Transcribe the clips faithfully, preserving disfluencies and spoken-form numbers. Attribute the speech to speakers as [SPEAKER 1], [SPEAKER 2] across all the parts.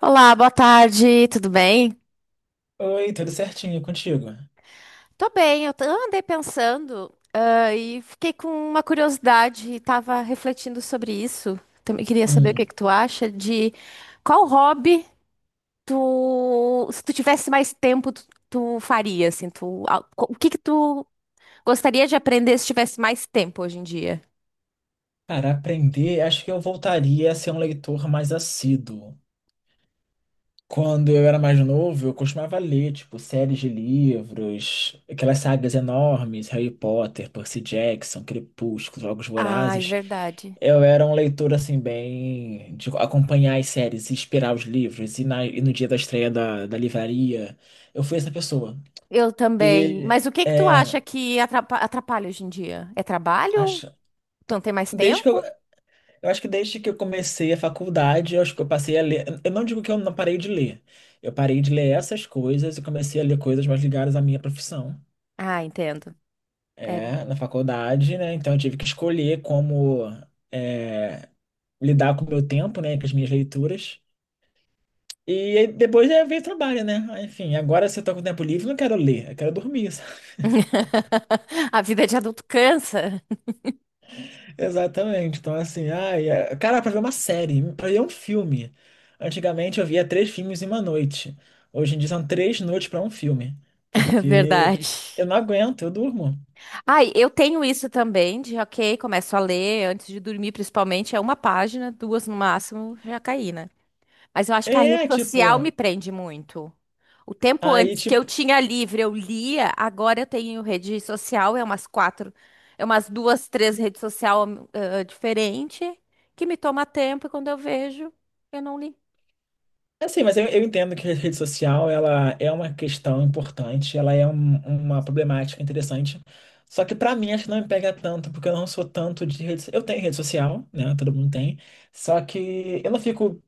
[SPEAKER 1] Olá, boa tarde, tudo bem?
[SPEAKER 2] Oi, tudo certinho contigo?
[SPEAKER 1] Tô bem, eu t- andei pensando, ah, e fiquei com uma curiosidade e tava refletindo sobre isso. Também queria saber o que
[SPEAKER 2] Hum,
[SPEAKER 1] que tu acha de qual hobby tu, se tu tivesse mais tempo, tu, tu faria, assim, tu, a- co- o que que tu gostaria de aprender se tivesse mais tempo hoje em dia?
[SPEAKER 2] Cara, aprender, acho que eu voltaria a ser um leitor mais assíduo. Quando eu era mais novo, eu costumava ler, tipo, séries de livros, aquelas sagas enormes, Harry Potter, Percy Jackson, Crepúsculo, Jogos
[SPEAKER 1] Ai,
[SPEAKER 2] Vorazes.
[SPEAKER 1] verdade.
[SPEAKER 2] Eu era um leitor, assim, bem de acompanhar as séries, e esperar os livros, e, na- e no dia da estreia da, da livraria. Eu fui essa pessoa.
[SPEAKER 1] Eu também.
[SPEAKER 2] E,
[SPEAKER 1] Mas o que que tu
[SPEAKER 2] é...
[SPEAKER 1] acha que atrapa- atrapalha hoje em dia? É trabalho?
[SPEAKER 2] Acho...
[SPEAKER 1] Tu não tem mais
[SPEAKER 2] Desde que eu,
[SPEAKER 1] tempo?
[SPEAKER 2] Eu acho que desde que eu comecei a faculdade, eu acho que eu passei a ler. Eu não digo que eu não parei de ler. Eu parei de ler essas coisas e comecei a ler coisas mais ligadas à minha profissão.
[SPEAKER 1] Ah, entendo. É.
[SPEAKER 2] É, na faculdade, né? Então eu tive que escolher como é, lidar com o meu tempo, né? Com as minhas leituras. E aí depois é veio o trabalho, né? Aí, enfim, agora se eu tô com tempo livre, eu não quero ler, eu quero dormir.
[SPEAKER 1] A vida de adulto cansa.
[SPEAKER 2] Exatamente. Então, assim, ai, é- cara, pra ver uma série, pra ver um filme. Antigamente eu via três filmes em uma noite. Hoje em dia são três noites pra um filme. Porque
[SPEAKER 1] Verdade.
[SPEAKER 2] eu não aguento, eu durmo.
[SPEAKER 1] Ai, eu tenho isso também, de ok, começo a ler antes de dormir, principalmente, é uma página, duas no máximo, já caí, né? Mas eu acho que a rede
[SPEAKER 2] É,
[SPEAKER 1] social me
[SPEAKER 2] tipo,
[SPEAKER 1] prende muito. O tempo
[SPEAKER 2] aí,
[SPEAKER 1] antes que eu
[SPEAKER 2] tipo,
[SPEAKER 1] tinha livre, eu lia, agora eu tenho rede social, é umas quatro, é umas duas, três redes social diferentes, que me toma tempo e quando eu vejo, eu não li.
[SPEAKER 2] assim, mas eu, eu entendo que a rede social, ela é uma questão importante, ela é um- uma problemática interessante. Só que pra mim, acho que não me pega tanto, porque eu não sou tanto de rede. Eu tenho rede social, né? Todo mundo tem. Só que eu não fico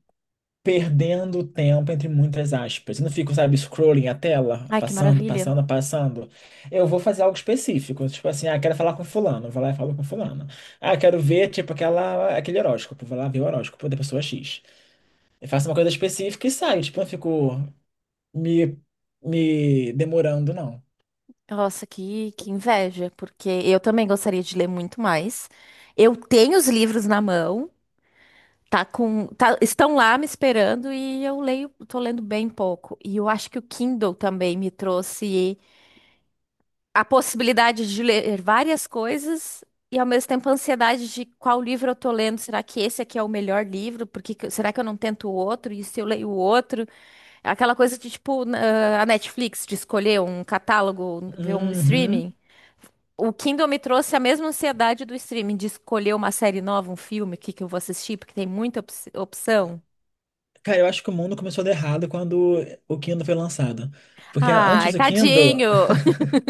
[SPEAKER 2] perdendo tempo entre muitas aspas. Eu não fico, sabe, scrolling a tela,
[SPEAKER 1] Ai, que
[SPEAKER 2] passando,
[SPEAKER 1] maravilha.
[SPEAKER 2] passando, passando. Eu vou fazer algo específico, tipo assim, ah, quero falar com fulano, vou lá e falo com fulano. Ah, quero ver, tipo, aquela, aquele horóscopo, vou lá ver o horóscopo da pessoa X. Eu faço uma coisa específica e saio, tipo, eu não fico me, me demorando, não.
[SPEAKER 1] Nossa, que, que inveja, porque eu também gostaria de ler muito mais. Eu tenho os livros na mão, tá com, tá- estão lá me esperando e eu leio, tô lendo bem pouco. E eu acho que o Kindle também me trouxe a possibilidade de ler várias coisas e ao mesmo tempo a ansiedade de qual livro eu tô lendo. Será que esse aqui é o melhor livro? Porque que- será que eu não tento o outro? E se eu leio o outro? É aquela coisa de tipo na- a Netflix de escolher um catálogo, ver um
[SPEAKER 2] Uhum.
[SPEAKER 1] streaming. O Kindle me trouxe a mesma ansiedade do streaming, de escolher uma série nova, um filme, o que que eu vou assistir, porque tem muita op- opção.
[SPEAKER 2] Cara, eu acho que o mundo começou a dar errado quando o Kindle foi lançado. Porque
[SPEAKER 1] Ai,
[SPEAKER 2] antes do Kindle,
[SPEAKER 1] tadinho!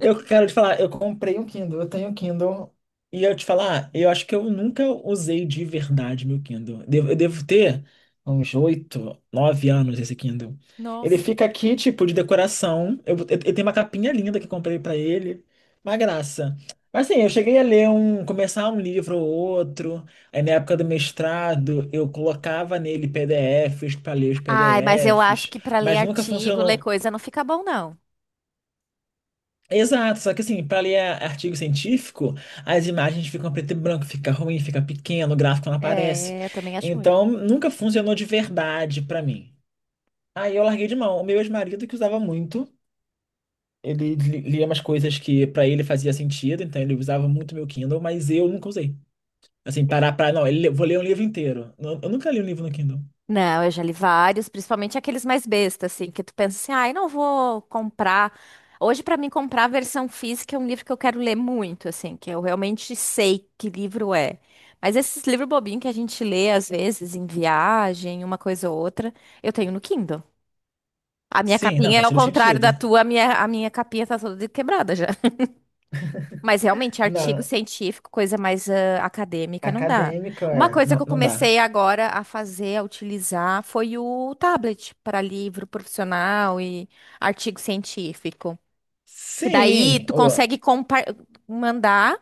[SPEAKER 2] eu quero te falar, eu comprei um Kindle, eu tenho um Kindle. E eu te falar, eu acho que eu nunca usei de verdade meu Kindle. Devo- Eu devo ter uns oito, nove anos esse Kindle. Ele
[SPEAKER 1] Nossa.
[SPEAKER 2] fica aqui, tipo, de decoração. Eu, eu, eu tenho uma capinha linda que eu comprei pra ele. Uma graça. Mas assim, eu cheguei a ler um, começar um livro ou outro. Aí na época do mestrado, eu colocava nele P D F s pra ler os
[SPEAKER 1] Ai, mas eu acho
[SPEAKER 2] P D F s.
[SPEAKER 1] que para ler
[SPEAKER 2] Mas nunca
[SPEAKER 1] artigo, ler
[SPEAKER 2] funcionou.
[SPEAKER 1] coisa, não fica bom, não.
[SPEAKER 2] Exato, só que assim, para ler a- artigo científico, as imagens ficam preto e branco, fica ruim, fica pequeno, o gráfico não aparece.
[SPEAKER 1] É, eu também acho ruim.
[SPEAKER 2] Então, nunca funcionou de verdade para mim. Aí eu larguei de mão. O meu ex-marido que usava muito, ele li- lia umas coisas que para ele fazia sentido, então ele usava muito meu Kindle, mas eu nunca usei. Assim, parar para, não, ele- vou ler um livro inteiro. Eu eu nunca li um livro no Kindle.
[SPEAKER 1] Não, eu já li vários, principalmente aqueles mais bestas, assim, que tu pensa assim, ai, não vou comprar. Hoje, pra mim, comprar a versão física é um livro que eu quero ler muito, assim, que eu realmente sei que livro é. Mas esses livros bobinhos que a gente lê, às vezes, em viagem, uma coisa ou outra, eu tenho no Kindle. A minha
[SPEAKER 2] Sim, não,
[SPEAKER 1] capinha é
[SPEAKER 2] faz
[SPEAKER 1] ao
[SPEAKER 2] todo
[SPEAKER 1] contrário
[SPEAKER 2] sentido.
[SPEAKER 1] da tua, a minha, a minha capinha tá toda quebrada já. Mas realmente, artigo
[SPEAKER 2] Na
[SPEAKER 1] científico, coisa mais ah, acadêmica, não dá.
[SPEAKER 2] acadêmica,
[SPEAKER 1] Uma
[SPEAKER 2] é,
[SPEAKER 1] coisa
[SPEAKER 2] não,
[SPEAKER 1] que eu
[SPEAKER 2] não dá.
[SPEAKER 1] comecei agora a fazer, a utilizar, foi o tablet para livro profissional e artigo científico. E daí
[SPEAKER 2] Sim,
[SPEAKER 1] tu consegue compa- mandar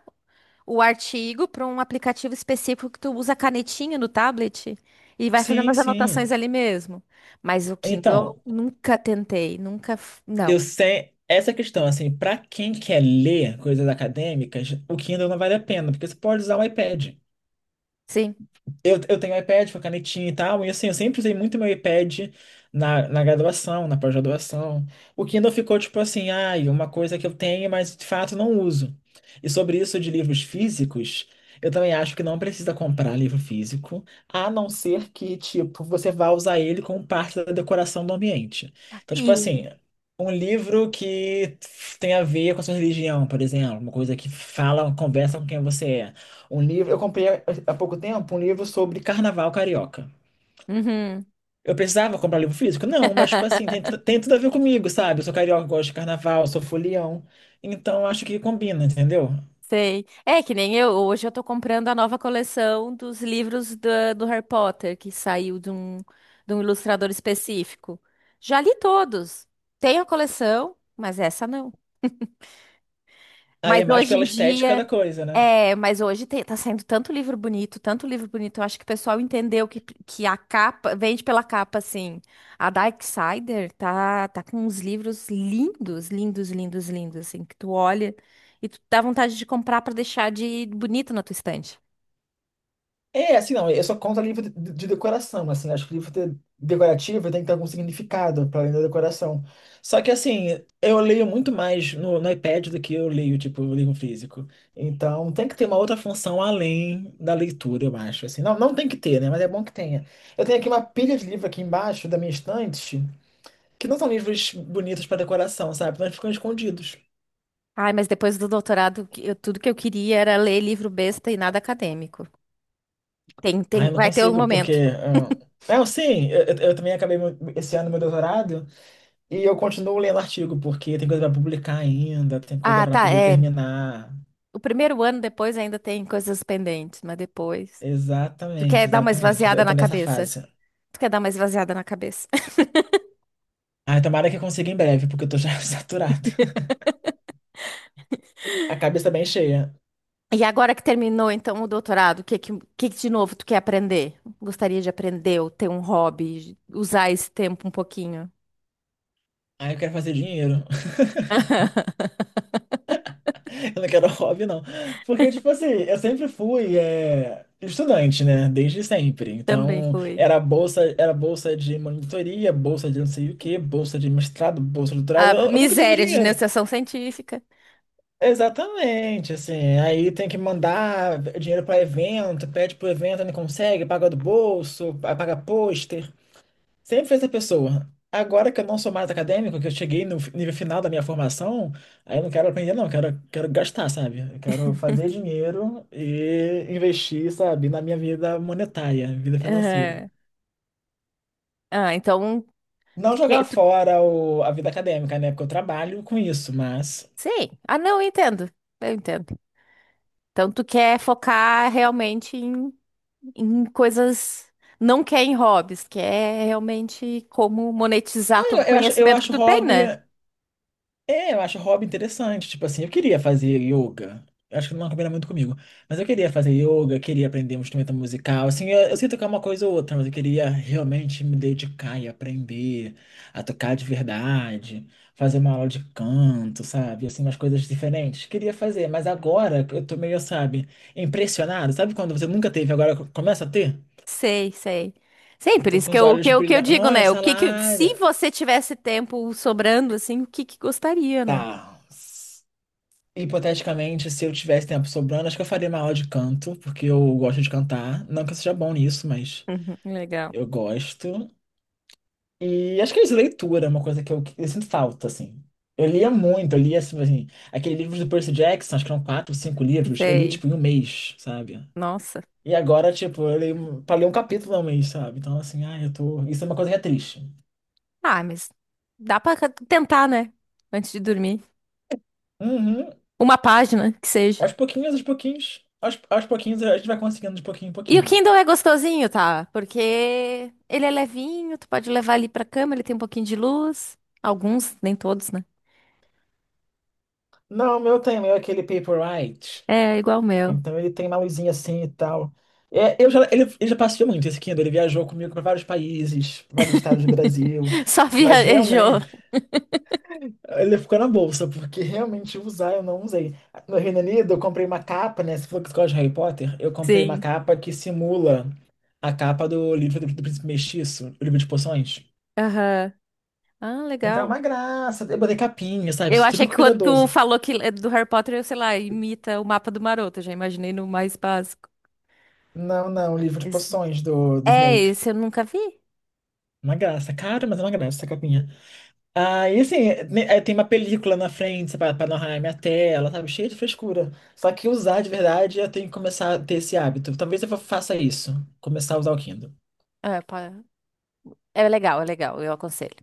[SPEAKER 1] o artigo para um aplicativo específico que tu usa a canetinha no tablet e vai fazendo
[SPEAKER 2] Sim,
[SPEAKER 1] as
[SPEAKER 2] sim.
[SPEAKER 1] anotações ali mesmo. Mas o Kindle
[SPEAKER 2] Então,
[SPEAKER 1] nunca tentei, nunca, f-
[SPEAKER 2] eu
[SPEAKER 1] não.
[SPEAKER 2] sei essa questão, assim, para quem quer ler coisas acadêmicas, o Kindle não vale a pena, porque você pode usar o iPad.
[SPEAKER 1] Sim.
[SPEAKER 2] Eu, eu tenho iPad com a canetinha e tal, e assim, eu sempre usei muito meu iPad na, na graduação, na pós-graduação. O Kindle ficou tipo assim, ai, uma coisa que eu tenho, mas de fato não uso. E sobre isso de livros físicos, eu também acho que não precisa comprar livro físico, a não ser que, tipo, você vá usar ele como parte da decoração do ambiente. Então, tipo
[SPEAKER 1] E.
[SPEAKER 2] assim, um livro que tem a ver com a sua religião, por exemplo, uma coisa que fala, conversa com quem você é. Um livro, eu comprei há pouco tempo um livro sobre carnaval carioca.
[SPEAKER 1] Uhum.
[SPEAKER 2] Eu precisava comprar livro físico? Não, mas, tipo assim, tem, tudo- tem tudo a ver comigo, sabe? Eu sou carioca, gosto de carnaval, sou folião. Então, acho que combina, entendeu?
[SPEAKER 1] Sei. É que nem eu, hoje eu tô comprando a nova coleção dos livros da- do Harry Potter, que saiu de um, de um ilustrador específico. Já li todos. Tenho a coleção, mas essa não.
[SPEAKER 2] Aí
[SPEAKER 1] Mas
[SPEAKER 2] é mais
[SPEAKER 1] hoje
[SPEAKER 2] pela
[SPEAKER 1] em
[SPEAKER 2] estética da
[SPEAKER 1] dia,
[SPEAKER 2] coisa, né?
[SPEAKER 1] é, mas hoje tem, tá saindo tanto livro bonito, tanto livro bonito. Eu acho que o pessoal entendeu que, que a capa, vende pela capa, assim. A Darksider tá, tá com uns livros lindos, lindos, lindos, lindos, assim, que tu olha e tu dá vontade de comprar pra deixar de bonito na tua estante.
[SPEAKER 2] É, assim, não, eu só conto livro de, de decoração, assim, né? Acho que livro de- decorativo tem que ter algum significado para além da decoração. Só que, assim, eu leio muito mais no, no iPad do que eu leio, tipo, o livro físico. Então, tem que ter uma outra função além da leitura, eu acho, assim. Não, não tem que ter, né, mas é bom que tenha. Eu tenho aqui uma pilha de livro aqui embaixo da minha estante, que não são livros bonitos para decoração, sabe? Mas ficam escondidos.
[SPEAKER 1] Ai, mas depois do doutorado, que eu- tudo que eu queria era ler livro besta e nada acadêmico. Tem,
[SPEAKER 2] Ah,
[SPEAKER 1] tem,
[SPEAKER 2] eu não
[SPEAKER 1] vai ter um
[SPEAKER 2] consigo, porque...
[SPEAKER 1] momento.
[SPEAKER 2] ah, não, sim, eu, eu eu também acabei meu- esse ano meu doutorado, e eu continuo lendo artigo, porque tem coisa para publicar ainda, tem coisa
[SPEAKER 1] Ah,
[SPEAKER 2] para
[SPEAKER 1] tá,
[SPEAKER 2] poder
[SPEAKER 1] é.
[SPEAKER 2] terminar.
[SPEAKER 1] O primeiro ano depois ainda tem coisas pendentes, mas depois. Tu
[SPEAKER 2] Exatamente,
[SPEAKER 1] quer dar uma
[SPEAKER 2] exatamente.
[SPEAKER 1] esvaziada
[SPEAKER 2] Eu tô
[SPEAKER 1] na
[SPEAKER 2] nessa
[SPEAKER 1] cabeça.
[SPEAKER 2] fase.
[SPEAKER 1] Tu quer dar uma esvaziada na cabeça.
[SPEAKER 2] Ai, tomara que eu consiga em breve, porque eu tô já saturado. A cabeça bem cheia.
[SPEAKER 1] E agora que terminou, então, o doutorado, o que, que, que de novo tu quer aprender? Gostaria de aprender ou ter um hobby, usar esse tempo um pouquinho.
[SPEAKER 2] Ai, eu quero fazer dinheiro. Eu não quero hobby, não. Porque, tipo assim, eu sempre fui é, estudante, né? Desde sempre.
[SPEAKER 1] Também
[SPEAKER 2] Então,
[SPEAKER 1] foi.
[SPEAKER 2] era bolsa, era bolsa de monitoria, bolsa de não sei o quê, bolsa de mestrado, bolsa de doutorado.
[SPEAKER 1] A
[SPEAKER 2] Eu, eu nunca tive
[SPEAKER 1] miséria de
[SPEAKER 2] dinheiro.
[SPEAKER 1] iniciação científica.
[SPEAKER 2] Exatamente, assim, aí tem que mandar dinheiro para evento, pede pro evento, não consegue, paga do bolso, pa- paga pôster, sempre fez essa pessoa. Agora que eu não sou mais acadêmico, que eu cheguei no fi- nível final da minha formação, aí eu não quero aprender não, eu quero, quero gastar, sabe? Eu quero fazer dinheiro e investir, sabe, na minha vida monetária, vida financeira.
[SPEAKER 1] Aham. Ah, então, tu
[SPEAKER 2] Não
[SPEAKER 1] quer,
[SPEAKER 2] jogar
[SPEAKER 1] tu-
[SPEAKER 2] fora o, a vida acadêmica, né? Porque eu trabalho com isso, mas...
[SPEAKER 1] sei. Ah, não, eu entendo. Eu entendo. Então, tu quer focar realmente em em coisas, não quer em hobbies, quer realmente como
[SPEAKER 2] ah,
[SPEAKER 1] monetizar
[SPEAKER 2] Eu,
[SPEAKER 1] todo o
[SPEAKER 2] eu acho, eu
[SPEAKER 1] conhecimento que
[SPEAKER 2] acho
[SPEAKER 1] tu tem,
[SPEAKER 2] hobby.
[SPEAKER 1] né?
[SPEAKER 2] É, eu acho hobby interessante. Tipo assim, eu queria fazer yoga. Eu acho que não combina muito comigo. Mas eu queria fazer yoga, queria aprender um instrumento musical. Assim, eu, eu sei tocar uma coisa ou outra, mas eu queria realmente me dedicar e aprender a tocar de verdade, fazer uma aula de canto, sabe? Assim, umas coisas diferentes. Queria fazer, mas agora eu tô meio, sabe, impressionado. Sabe quando você nunca teve, agora começa a ter?
[SPEAKER 1] Sei, sei. Sim,
[SPEAKER 2] Eu
[SPEAKER 1] por
[SPEAKER 2] tô
[SPEAKER 1] isso
[SPEAKER 2] com
[SPEAKER 1] que
[SPEAKER 2] os
[SPEAKER 1] eu, que
[SPEAKER 2] olhos
[SPEAKER 1] eu, que eu
[SPEAKER 2] brilhando.
[SPEAKER 1] digo,
[SPEAKER 2] Olha,
[SPEAKER 1] né? O que que, se
[SPEAKER 2] salário.
[SPEAKER 1] você tivesse tempo sobrando, assim, o que que gostaria, né?
[SPEAKER 2] Tá. Hipoteticamente, se eu tivesse tempo sobrando, acho que eu faria uma aula de canto, porque eu gosto de cantar. Não que eu seja bom nisso, mas
[SPEAKER 1] Uhum, legal.
[SPEAKER 2] eu gosto. E acho que é isso, leitura, é uma coisa que eu, eu sinto falta, assim. Eu lia muito, eu lia, assim, assim, aquele livro do Percy Jackson, acho que eram quatro, cinco livros, eu li,
[SPEAKER 1] Sei.
[SPEAKER 2] tipo, em um mês, sabe?
[SPEAKER 1] Nossa.
[SPEAKER 2] E agora, tipo, eu leio, pra ler um capítulo ao mês, sabe? Então, assim, ah, eu tô... Isso é uma coisa que é triste.
[SPEAKER 1] Ah, mas dá pra tentar, né? Antes de dormir.
[SPEAKER 2] Uhum.
[SPEAKER 1] Uma página que seja.
[SPEAKER 2] Aos pouquinhos, aos pouquinhos, aos, aos pouquinhos, a gente vai conseguindo de pouquinho em
[SPEAKER 1] E o
[SPEAKER 2] pouquinho.
[SPEAKER 1] Kindle é gostosinho, tá? Porque ele é levinho, tu pode levar ali pra cama, ele tem um pouquinho de luz. Alguns, nem todos, né?
[SPEAKER 2] Não, o meu tema é aquele Paperwhite.
[SPEAKER 1] É, igual o meu.
[SPEAKER 2] Então ele tem uma luzinha assim e tal. É, eu já, ele, ele já passeou muito esse Kindle, ele viajou comigo para vários países, pra vários estados do Brasil,
[SPEAKER 1] Só
[SPEAKER 2] mas
[SPEAKER 1] viajou.
[SPEAKER 2] realmente ele ficou na bolsa, porque realmente usar eu não usei. No Reino Unido eu comprei uma capa, né? Você falou que você gosta de Harry Potter? Eu comprei uma
[SPEAKER 1] Sim.
[SPEAKER 2] capa que simula a capa do livro do, do Príncipe Mestiço, o livro de poções.
[SPEAKER 1] Aham. Ah,
[SPEAKER 2] Então é
[SPEAKER 1] legal.
[SPEAKER 2] uma graça, eu botei capinha, sabe?
[SPEAKER 1] Eu achei
[SPEAKER 2] Super
[SPEAKER 1] que quando tu
[SPEAKER 2] cuidadoso.
[SPEAKER 1] falou que é do Harry Potter, eu, sei lá, imita o mapa do Maroto. Eu já imaginei no mais básico.
[SPEAKER 2] Não, não, o livro de
[SPEAKER 1] Esse-
[SPEAKER 2] poções do, do
[SPEAKER 1] É,
[SPEAKER 2] Snape.
[SPEAKER 1] esse eu nunca vi.
[SPEAKER 2] Uma graça, cara, mas é uma graça essa capinha. Ah, e assim, né, é, tem uma película na frente pra pra não arranhar minha tela, sabe? Cheio de frescura. Só que usar de verdade, eu tenho que começar a ter esse hábito. Talvez eu fa- faça isso, começar a usar o Kindle.
[SPEAKER 1] É, pá. É legal, é legal. Eu aconselho.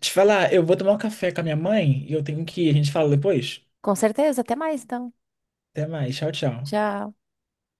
[SPEAKER 2] Te falar, eu vou tomar um café com a minha mãe e eu tenho que ir. A gente fala depois?
[SPEAKER 1] Com certeza, até mais, então.
[SPEAKER 2] Até mais, tchau, tchau.
[SPEAKER 1] Tchau.